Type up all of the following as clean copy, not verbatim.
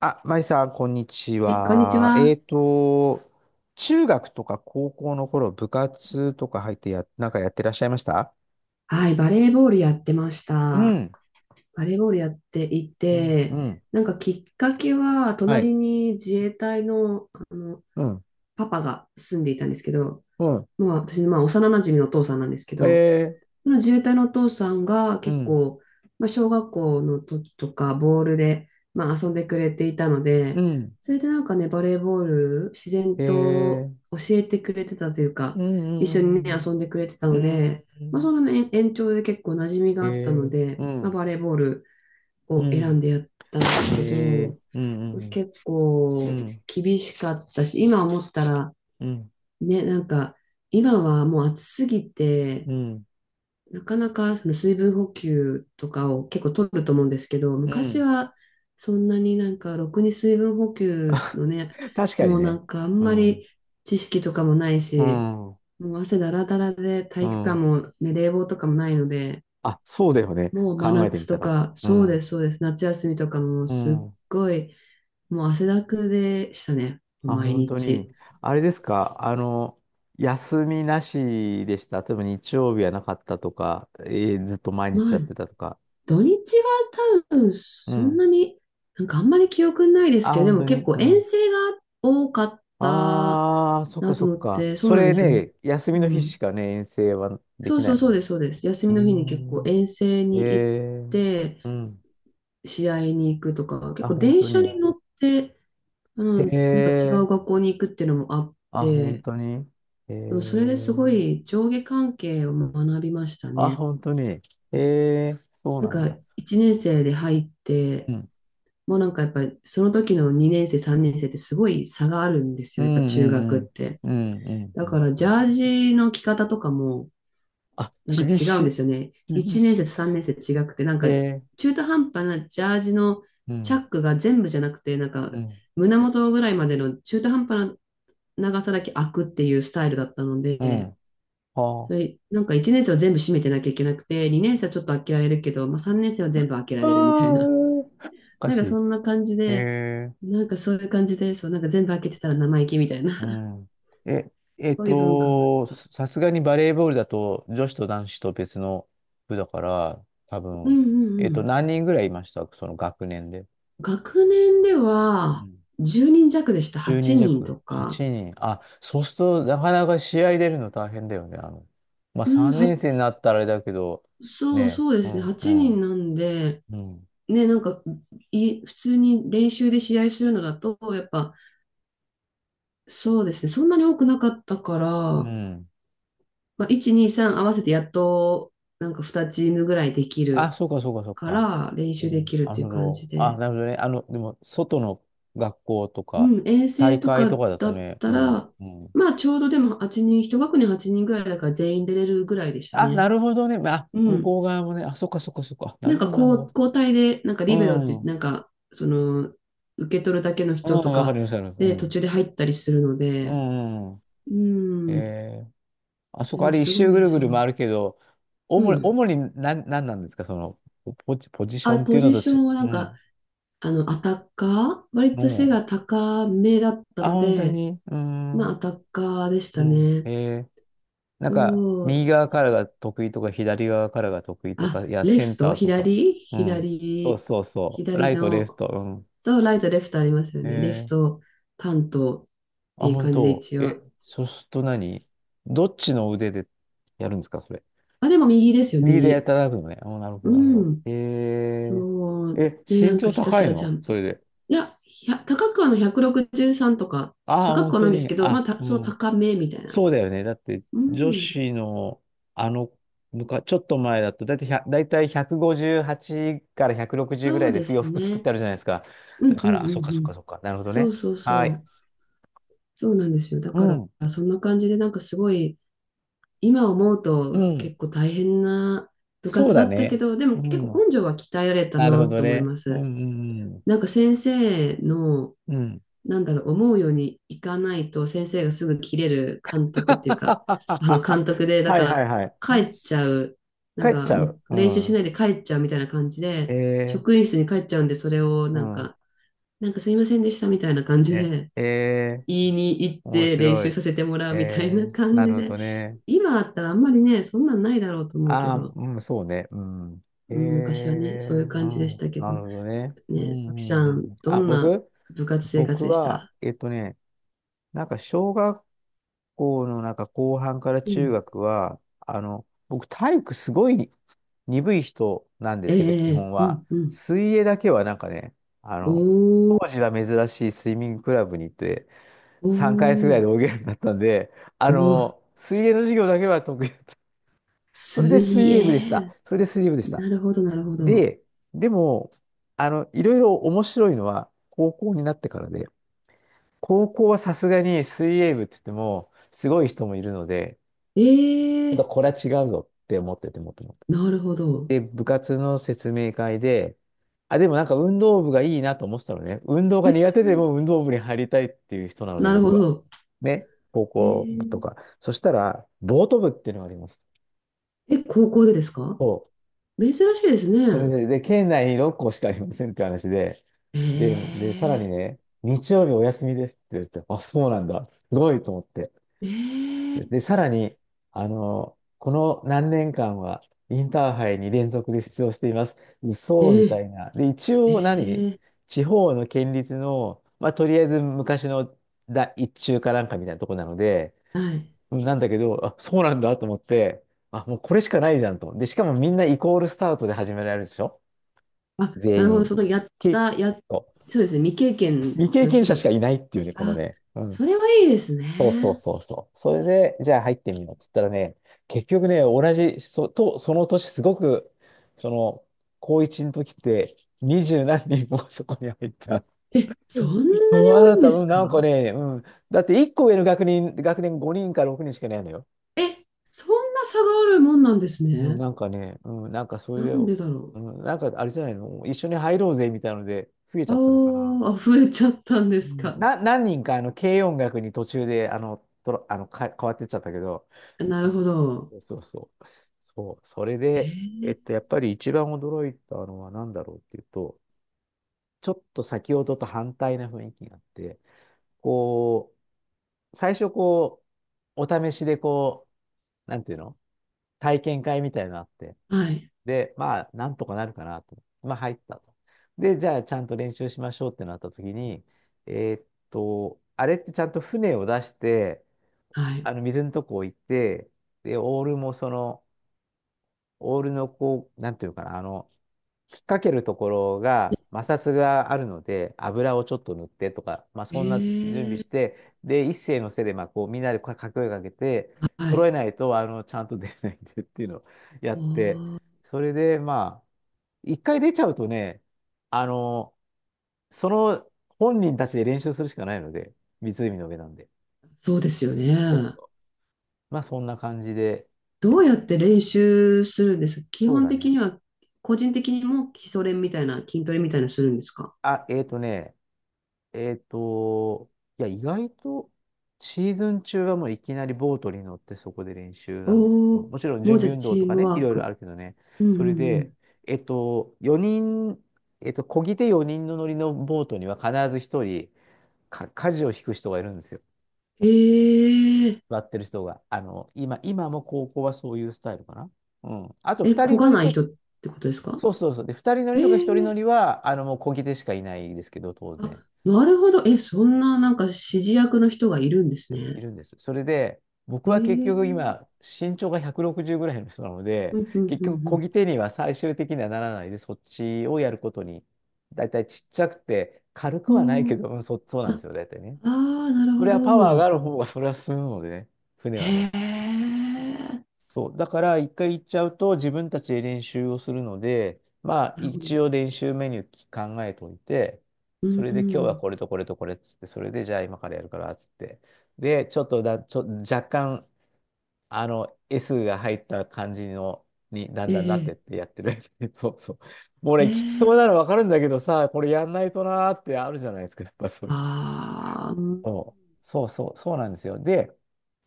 あ、まいさん、こんにちはい、こんにちは。は。中学とか高校の頃、部活とか入ってなんかやってらっしゃいました？はい、バレーボールやってましうた。ん、バレーボールやっていうん、うて、ん。なんかきっかけは、はい。隣に自衛隊の、あのうん、パパが住んでいたんですけど、うん。まあ、私のまあ幼なじみのお父さんなんですけえど、ー、その自衛隊のお父さんがう結ん、構、まあ、小学校の時とかボールで、まあ、遊んでくれていたのうで、ん、それでなんかね、バレーボール自然えとー、教えてくれてたといううか、一緒にね、ん、うん、遊んでくれてたうので、まあ、そん、の、ね、延長で結構馴染みがえあったのー、うで、まあ、ん、バレーボールうを選ん、んでやったんでえすけー、ど、うん、うん、結う構ん、厳しかったし、今思ったら、うん、ね、なんか、今はもう暑すぎて、うん。なかなかその水分補給とかを結構取ると思うんですけど、う昔ん。はそんなになんかろくに水分補給あ、のね、確かにもうなね。んかあんうまん、り知識とかもないうし、ん、もう汗だらだらでう体育館ん。も、ね、冷房とかもないので、あ、そうだよね。もう真考えてみ夏たとら。か、うそうでん。す、そうです、夏休みとかもうすっん。ごい、もう汗だくでしたね、あ、毎本当日。に。あれですか。休みなしでした？例えば日曜日はなかったとか、ずっと毎ま日あやってたとか。土日は多分うそんん。なに、なんかあんまり記憶ないですあ、けど、で本も当結に。構う遠ん。征が多かったああ、そっかなとそっ思っか。て、そうそなんでれすよ。ね、休うみの日しん。かね、遠征はでそきうなそういもそうんね。です、そうです。休うみの日に結構ー遠征ん。に行っえー。て、うん。試合に行くとか、結あ、構本電当車に。に乗って、うえん、なんか違うー。学校に行くっていうのもあっあ、本て、当に。えでもそれですごー。い上下関係を学びましたあ、ね。本当に。ええ、そうなんなんかだ。1年生で入っうて、ん。もうなんかやっぱりその時の2年生、3年生ってすごい差があるんですうよ。やっぱんう中んう学っん。て。うんうんうだかんらうジん。ャージの着方とかもあ、なんか厳違うんでしすよね。い。厳1年生しと3年生違くて、なんかい。ええ。中途半端なジャージのうチャッん。クが全部じゃなくて、なんかうん。胸元ぐらいまでの中途半端な長さだけ開くっていうスタイルだったのうで、ん。はそあ。れなんか1年生は全部閉めてなきゃいけなくて、2年生はちょっと開けられるけど、まあ、3年生は全部開けらあー、れるみたいな。おかなんしかそい。んな感じえで、え。なんかそういう感じで、そう、なんか全部開けてたら生意気みたいな、う ん。え、そういう文化があっさた。さすがにバレーボールだと女子と男子と別の部だから、多う分、んうんうん。何人ぐらいいましたその学年で？学年では10人弱でした。10人8人と弱、8か。人。あ、そうすると、なかなか試合出るの大変だよね。まあ、うん、3年生になったらあれだけど、そうね、そうでうすね。ん、う8ん、人なんで、うん、ね、なんか、普通に練習で試合するのだと、やっぱ、そうですね。そんなに多くなかったから、うまん。あ、1、2、3合わせてやっと、なんか2チームぐらいできあ、るそうか、そうか、そうかか。ら、練う習でん、きるっなるていうほ感じど。あ、で。なるほどね。でも、外の学校とか、うん、衛大星と会かとかだとだっね。うたん、ら、うん。まあちょうどでも8人、一学年8人ぐらいだから全員出れるぐらいでしたあ、ね。なるほどね。まあ、う向ん。こう側もね、あ、そっか、そっか、そっか。ななるんかほど、なるこほう交代で、なんかリベロって言って、ど。なんかその受け取るだけのうん、人うとん、わかかります、わかります。うで途ん、中で入ったりするのうで、ん、うん。うん。え、あそでこ、あもれ一すご周ぐいるぐそるう。回るけど、う主に、ん。主に何なんですか、その、ポジショあ、ンってポいうのジとショち、ンはなんうか、ん。あの、アタッカー割と背もう、が高めだったあ、の本当で、に、うーまん、あアうタッカーでしたん。ね。えー、なんか、そ右う。側からが得意とか、左側からが得意とあ、か、いや、レセンフト、ターとか。うん。そうそうそう。ラ左イト、レフの、ト、うそう、ライト、レフトありますよん。ね。レフえト担当っー、てあ、いう本感じで当。一え、応。そうすると何、どっちの腕でやるんですか、それ？あ、でも右ですよ、右でやって右。いただくのね。お、なるほうど、なるほど。ん。えそー、う。え、で、な身んか長ひた高すいらジャのンそプ。れで？いや、高くはの163とか、ああ、高く本はな当いんですに。けど、まあ、あ、うそのん。高めみたいな。そうだよね。だって、う女ん。子の、あの、ちょっと前だと、だいたい100、だいたい5 8から160ぐそらういでで洋す服作っね。てあるじゃないですか。うだんうかんら、あ、うそんっかそうっかん。そっか。なるほどそうね。そうはそい。う。そうなんですよ。だうかん。ら、そんな感じで、なんかすごい、今思ううとん。結構大変な部そう活だだったけね。ど、でもう結ん。構根性は鍛えられたなるほなどと思いね。まうんうす。んなんか先生の、うん。うん。なんだろう、思うようにいかないと先生がすぐ切れる監督っ ていうか、あの監督で、だはかいはいらはい。帰っちゃう、な帰んっちかゃもう。うう練習しん。ないで帰っちゃうみたいな感じえで、職ー。員室に帰っちゃうんで、それをうなんん。か、なんかすいませんでしたみたいな感じね。で、えー、言いに行っ面て練白習い。させてもらうみたいえなー、感なじるほで、どね。今あったらあんまりね、そんなんないだろうと思うけああ、ど、うん、そうね。うん。えうん、昔ー、はね、そういうう感じでしん、たけなど、るほどね。うん、うね、あきさん、ん、うん。どあ、んな部活生活僕でしは、た？なんか小学校のなんか後半からう中ん。学は、あの、僕体育すごい鈍い人なんでえすけど、基本えうは。んうん。水泳だけはなんかね、あの、当おー、時は珍しいスイミングクラブに行って、お3回月ぐらいー、で泳げるようになったんで、あおー、の、水泳の授業だけは得意だった。それで水水泳部でした。泳。それで水泳部でした。なるほど、なるほど。で、でも、あの、いろいろ面白いのは高校になってからで、高校はさすがに水泳部って言っても、すごい人もいるので、えちょっとえこれは違うぞって思ってて、もともと。なるほど。で、部活の説明会で、あ、でもなんか運動部がいいなと思ってたのね。運動がえ、苦手でも運動部に入りたいっていう人なので、なるほ僕は。ど。ね、高え校部とーか。そしたら、ボート部っていうのがあります。え、高校でですか？そ珍しいですう。それね。で、で、県内に6校しかありませんって話で、で、えで、さらにえね、日曜日お休みですって言って、あ、そうなんだ。すごいと思って。えで、えさらに、あの、この何年間はインターハイに連続で出場しています。嘘みえたいな。で、一ええ応何ー地方の県立の、まあ、とりあえず昔のだ一中かなんかみたいなとこなので、はい。なんだけど、あ、そうなんだと思って、あ、もうこれしかないじゃんと。で、しかもみんなイコールスタートで始められるでしょ？あ、なる全ほど。員。そのやっけ、た、や、そう、そうですね。未経験未経の験人者しだ。かいないっていうね、このあ、ね。うん。それはいいですそうそうね。そうそう。それで、じゃあ入ってみようって言ったらね、結局ね、同じ、そ、と、その年すごく、その、高一の時って、二十何人もそこに入った。え、そんなそう、にあ多いなんた、でうすん、か？なんかね、うん。だって一個上の学年、学年5人か6人しかいないのよ。え、そんな差があるもんなんですうん、ね。なんかね、うん、なんかそれなで、んうでだろん、なんかあれじゃないの、一緒に入ろうぜみたいなので、増えちう。あゃったのかな。ーあ、増えちゃったんでうすん、か？な、何人かあの軽音楽に途中であのとろあのか変わってっちゃったけど、なうるん、ほど。そうそう、そう、それえで、ー、やっぱり一番驚いたのは何だろうっていうと、ちょっと先ほどと反対な雰囲気があって、こう、最初こう、お試しでこう、なんていうの、体験会みたいなのあって、はい、で、まあ、なんとかなるかなと。まあ、入ったと。で、じゃあ、ちゃんと練習しましょうってなった時に、えーっと、あれってちゃんと船を出して、はあい。の、水のとこ置いて、で、オールもその、オールのこう、なんていうかな、あの、引っ掛けるところが摩擦があるので、油をちょっと塗ってとか、まあ、えそんな準備ー、して、で、一斉のせいで、まあ、こう、みんなで掛け声かけて、は揃えい。ないと、あの、ちゃんと出ないんでっていうのをやおって、ー、それで、まあ、一回出ちゃうとね、あの、その本人たちで練習するしかないので、湖の上なんで。そうですよそうね。そう。まあそんな感じで、いどや、うやって練習するんですか、基そう本だ的ね。には？個人的にも基礎練みたいな、筋トレみたいなするんですか？あ、えっとね、えっと、いや、意外とシーズン中はもういきなりボートに乗ってそこで練習なんですけおど、おー、もちろんも準うじゃ備あ運動チとーかムね、いワーろいろあク。るけどね、うんうそれんうで、ん。えっと、4人、えっと、漕ぎ手4人の乗りのボートには必ず1人か、舵を引く人がいるんですよ。え座ってる人が。あの、今、今も高校はそういうスタイルかな。うん。あと、ええ、二こ人乗がりないと、人ってことですか？そうそうそう。で、二人乗えりとか一人ー乗りは、あの、もう漕ぎ手しかいないですけど、当然あ、なるほど。え、そんななんか指示役の人がいるんですです。いね。るんです。それで、僕えは結局ー今、身長が160ぐらいの人なので、うんうん結う局漕んぎ手には最終的にはならないで、そっちをやることに、だいたいちっちゃくて、軽くうはないん。おーけど、うん、そ、そうなんであ、すよ、だいたいね。あー、なるそほれはパワーがあど。る方が、それは進むのでね、船はね。へえ、そう。だから、一回行っちゃうと自分たちで練習をするので、まあ、なるほど。一応練習メニュー考えておいて、うそんれうで今日はん。これとこれとこれっつって、それでじゃあ今からやるからっつって。で、ちょっとだ、ちょ、若干、S が入った感じの、にだんえだんなってーってやってる。そうそう。もう俺、きつそえうなえの分かるんだけどさ、これやんないとなーってあるじゃないですか、やっぱそういう。ああ、うん。そう、そうそう、そうなんですよ。で、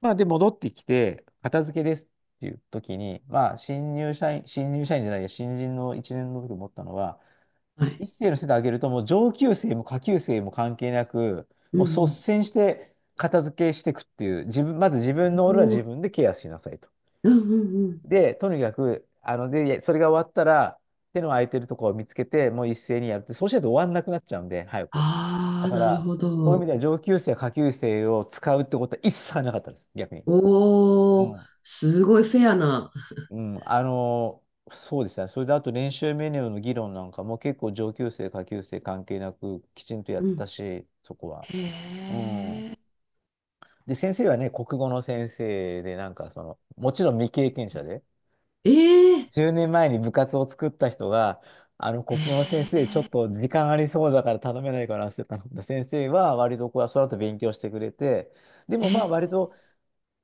まあ、で、戻ってきて、片付けですっていう時に、まあ、新入社員、新入社員じゃないや、新人の1年の時思ったのは、はい。一世の世で上げると、もう上級生も下級生も関係なく、うんもうう率ん。先して片付けしていくっていう、自分、まず自分の俺はお自ー、分でケアしなさいと。うんうんうん。で、とにかく、で、それが終わったら、手の空いてるところを見つけて、もう一斉にやるって、そうしないと終わんなくなっちゃうんで、早く。あだあ、かなるら、ほそういう意味でど。は上級生、下級生を使うってことは一切なかったです、逆に。うおお、ん。すごいフェアな。うん、そうですね。それであと練習メニューの議論なんかも結構上級生、下級生関係なくきちんとやっうてたん。し、そこは。へうん。え。で、先生はね、国語の先生で、なんかその、もちろん未経験者で、ええ。10年前に部活を作った人が、へ国語の先生、ちょっえ。と時間ありそうだから頼めないからって頼んだ先生は、割とこう、その後勉強してくれて、でへもまあ、え割と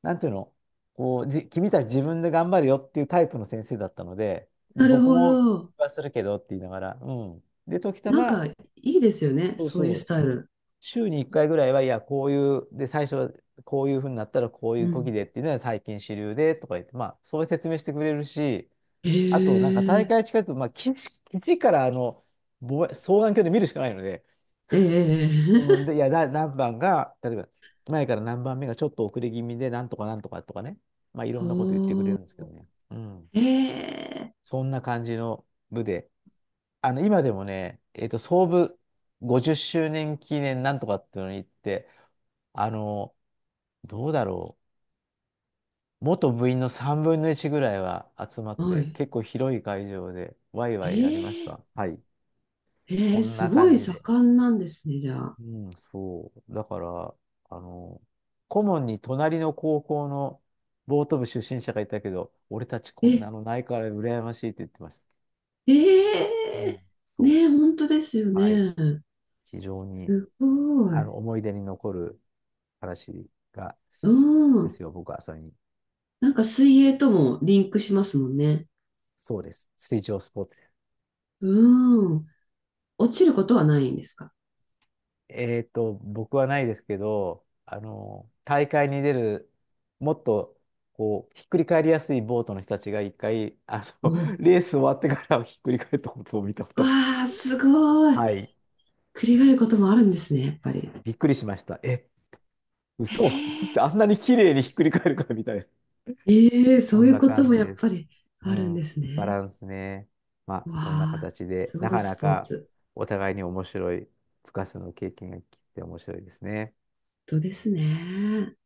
なんていうの、こう、君たち自分で頑張るよっていうタイプの先生だったので、ーで、なる僕ほもど。はするけどって言いながら、うん。で、時たなんま、かいいですよね。そうそういそうスう、タイル。週に1回ぐらいは、いや、こういう、で、最初はこういうふうになったらこういううこぎん。でっていうのは最近主流でとか言って、まあ、そういう説明してくれるし、へあと、なんか大え。会近いと、まあ、基地から望遠鏡で見るしかないので、えうん、え。で、いや、何番が、例えば、前から何番目がちょっと遅れ気味で、なんとかなんとかとかね。まあ、いろおんなこと言ってくれるお。んですけどね。うん。へえ。そんな感じの部で。今でもね、創部50周年記念なんとかっていうのに行って、あの、どうだろう。元部員の3分の1ぐらいは集まっはて、い。結構広い会場で、ワイワイやりましえた。え。はい。そええ、んすなご感いじで。盛んなんですね、じゃあ。うん、そう。だから、あの、顧問に隣の高校のボート部出身者がいたけど、俺たちこんなえ、のないから羨ましいって言ってました。えうん、えそねえ、本当ですよう。はい。ね。非常に、すごい。思い出に残る話が、うでん。すよ。僕はそれに。なんか水泳ともリンクしますもんね。そうです。水上スポーツです。うん。落ちることはないんですか？僕はないですけど、大会に出る、もっと、こう、ひっくり返りやすいボートの人たちが一回、おう。レース終わってからひっくり返ったことを見たことある。わあ、すごい。はい。繰り返ることもあるんですね、やっぱり。びっくりしました。え、嘘つって あんなに綺麗にひっくり返るかみたいな。ええそこうんいうなこと感もじやっです。ぱりうあるんでん。すバね。ランスね。まあ、わそんなあ、形で、すなごいかスなポーかツ。お互いに面白い、深さの経験が聞いて面白いですね。本当ですね。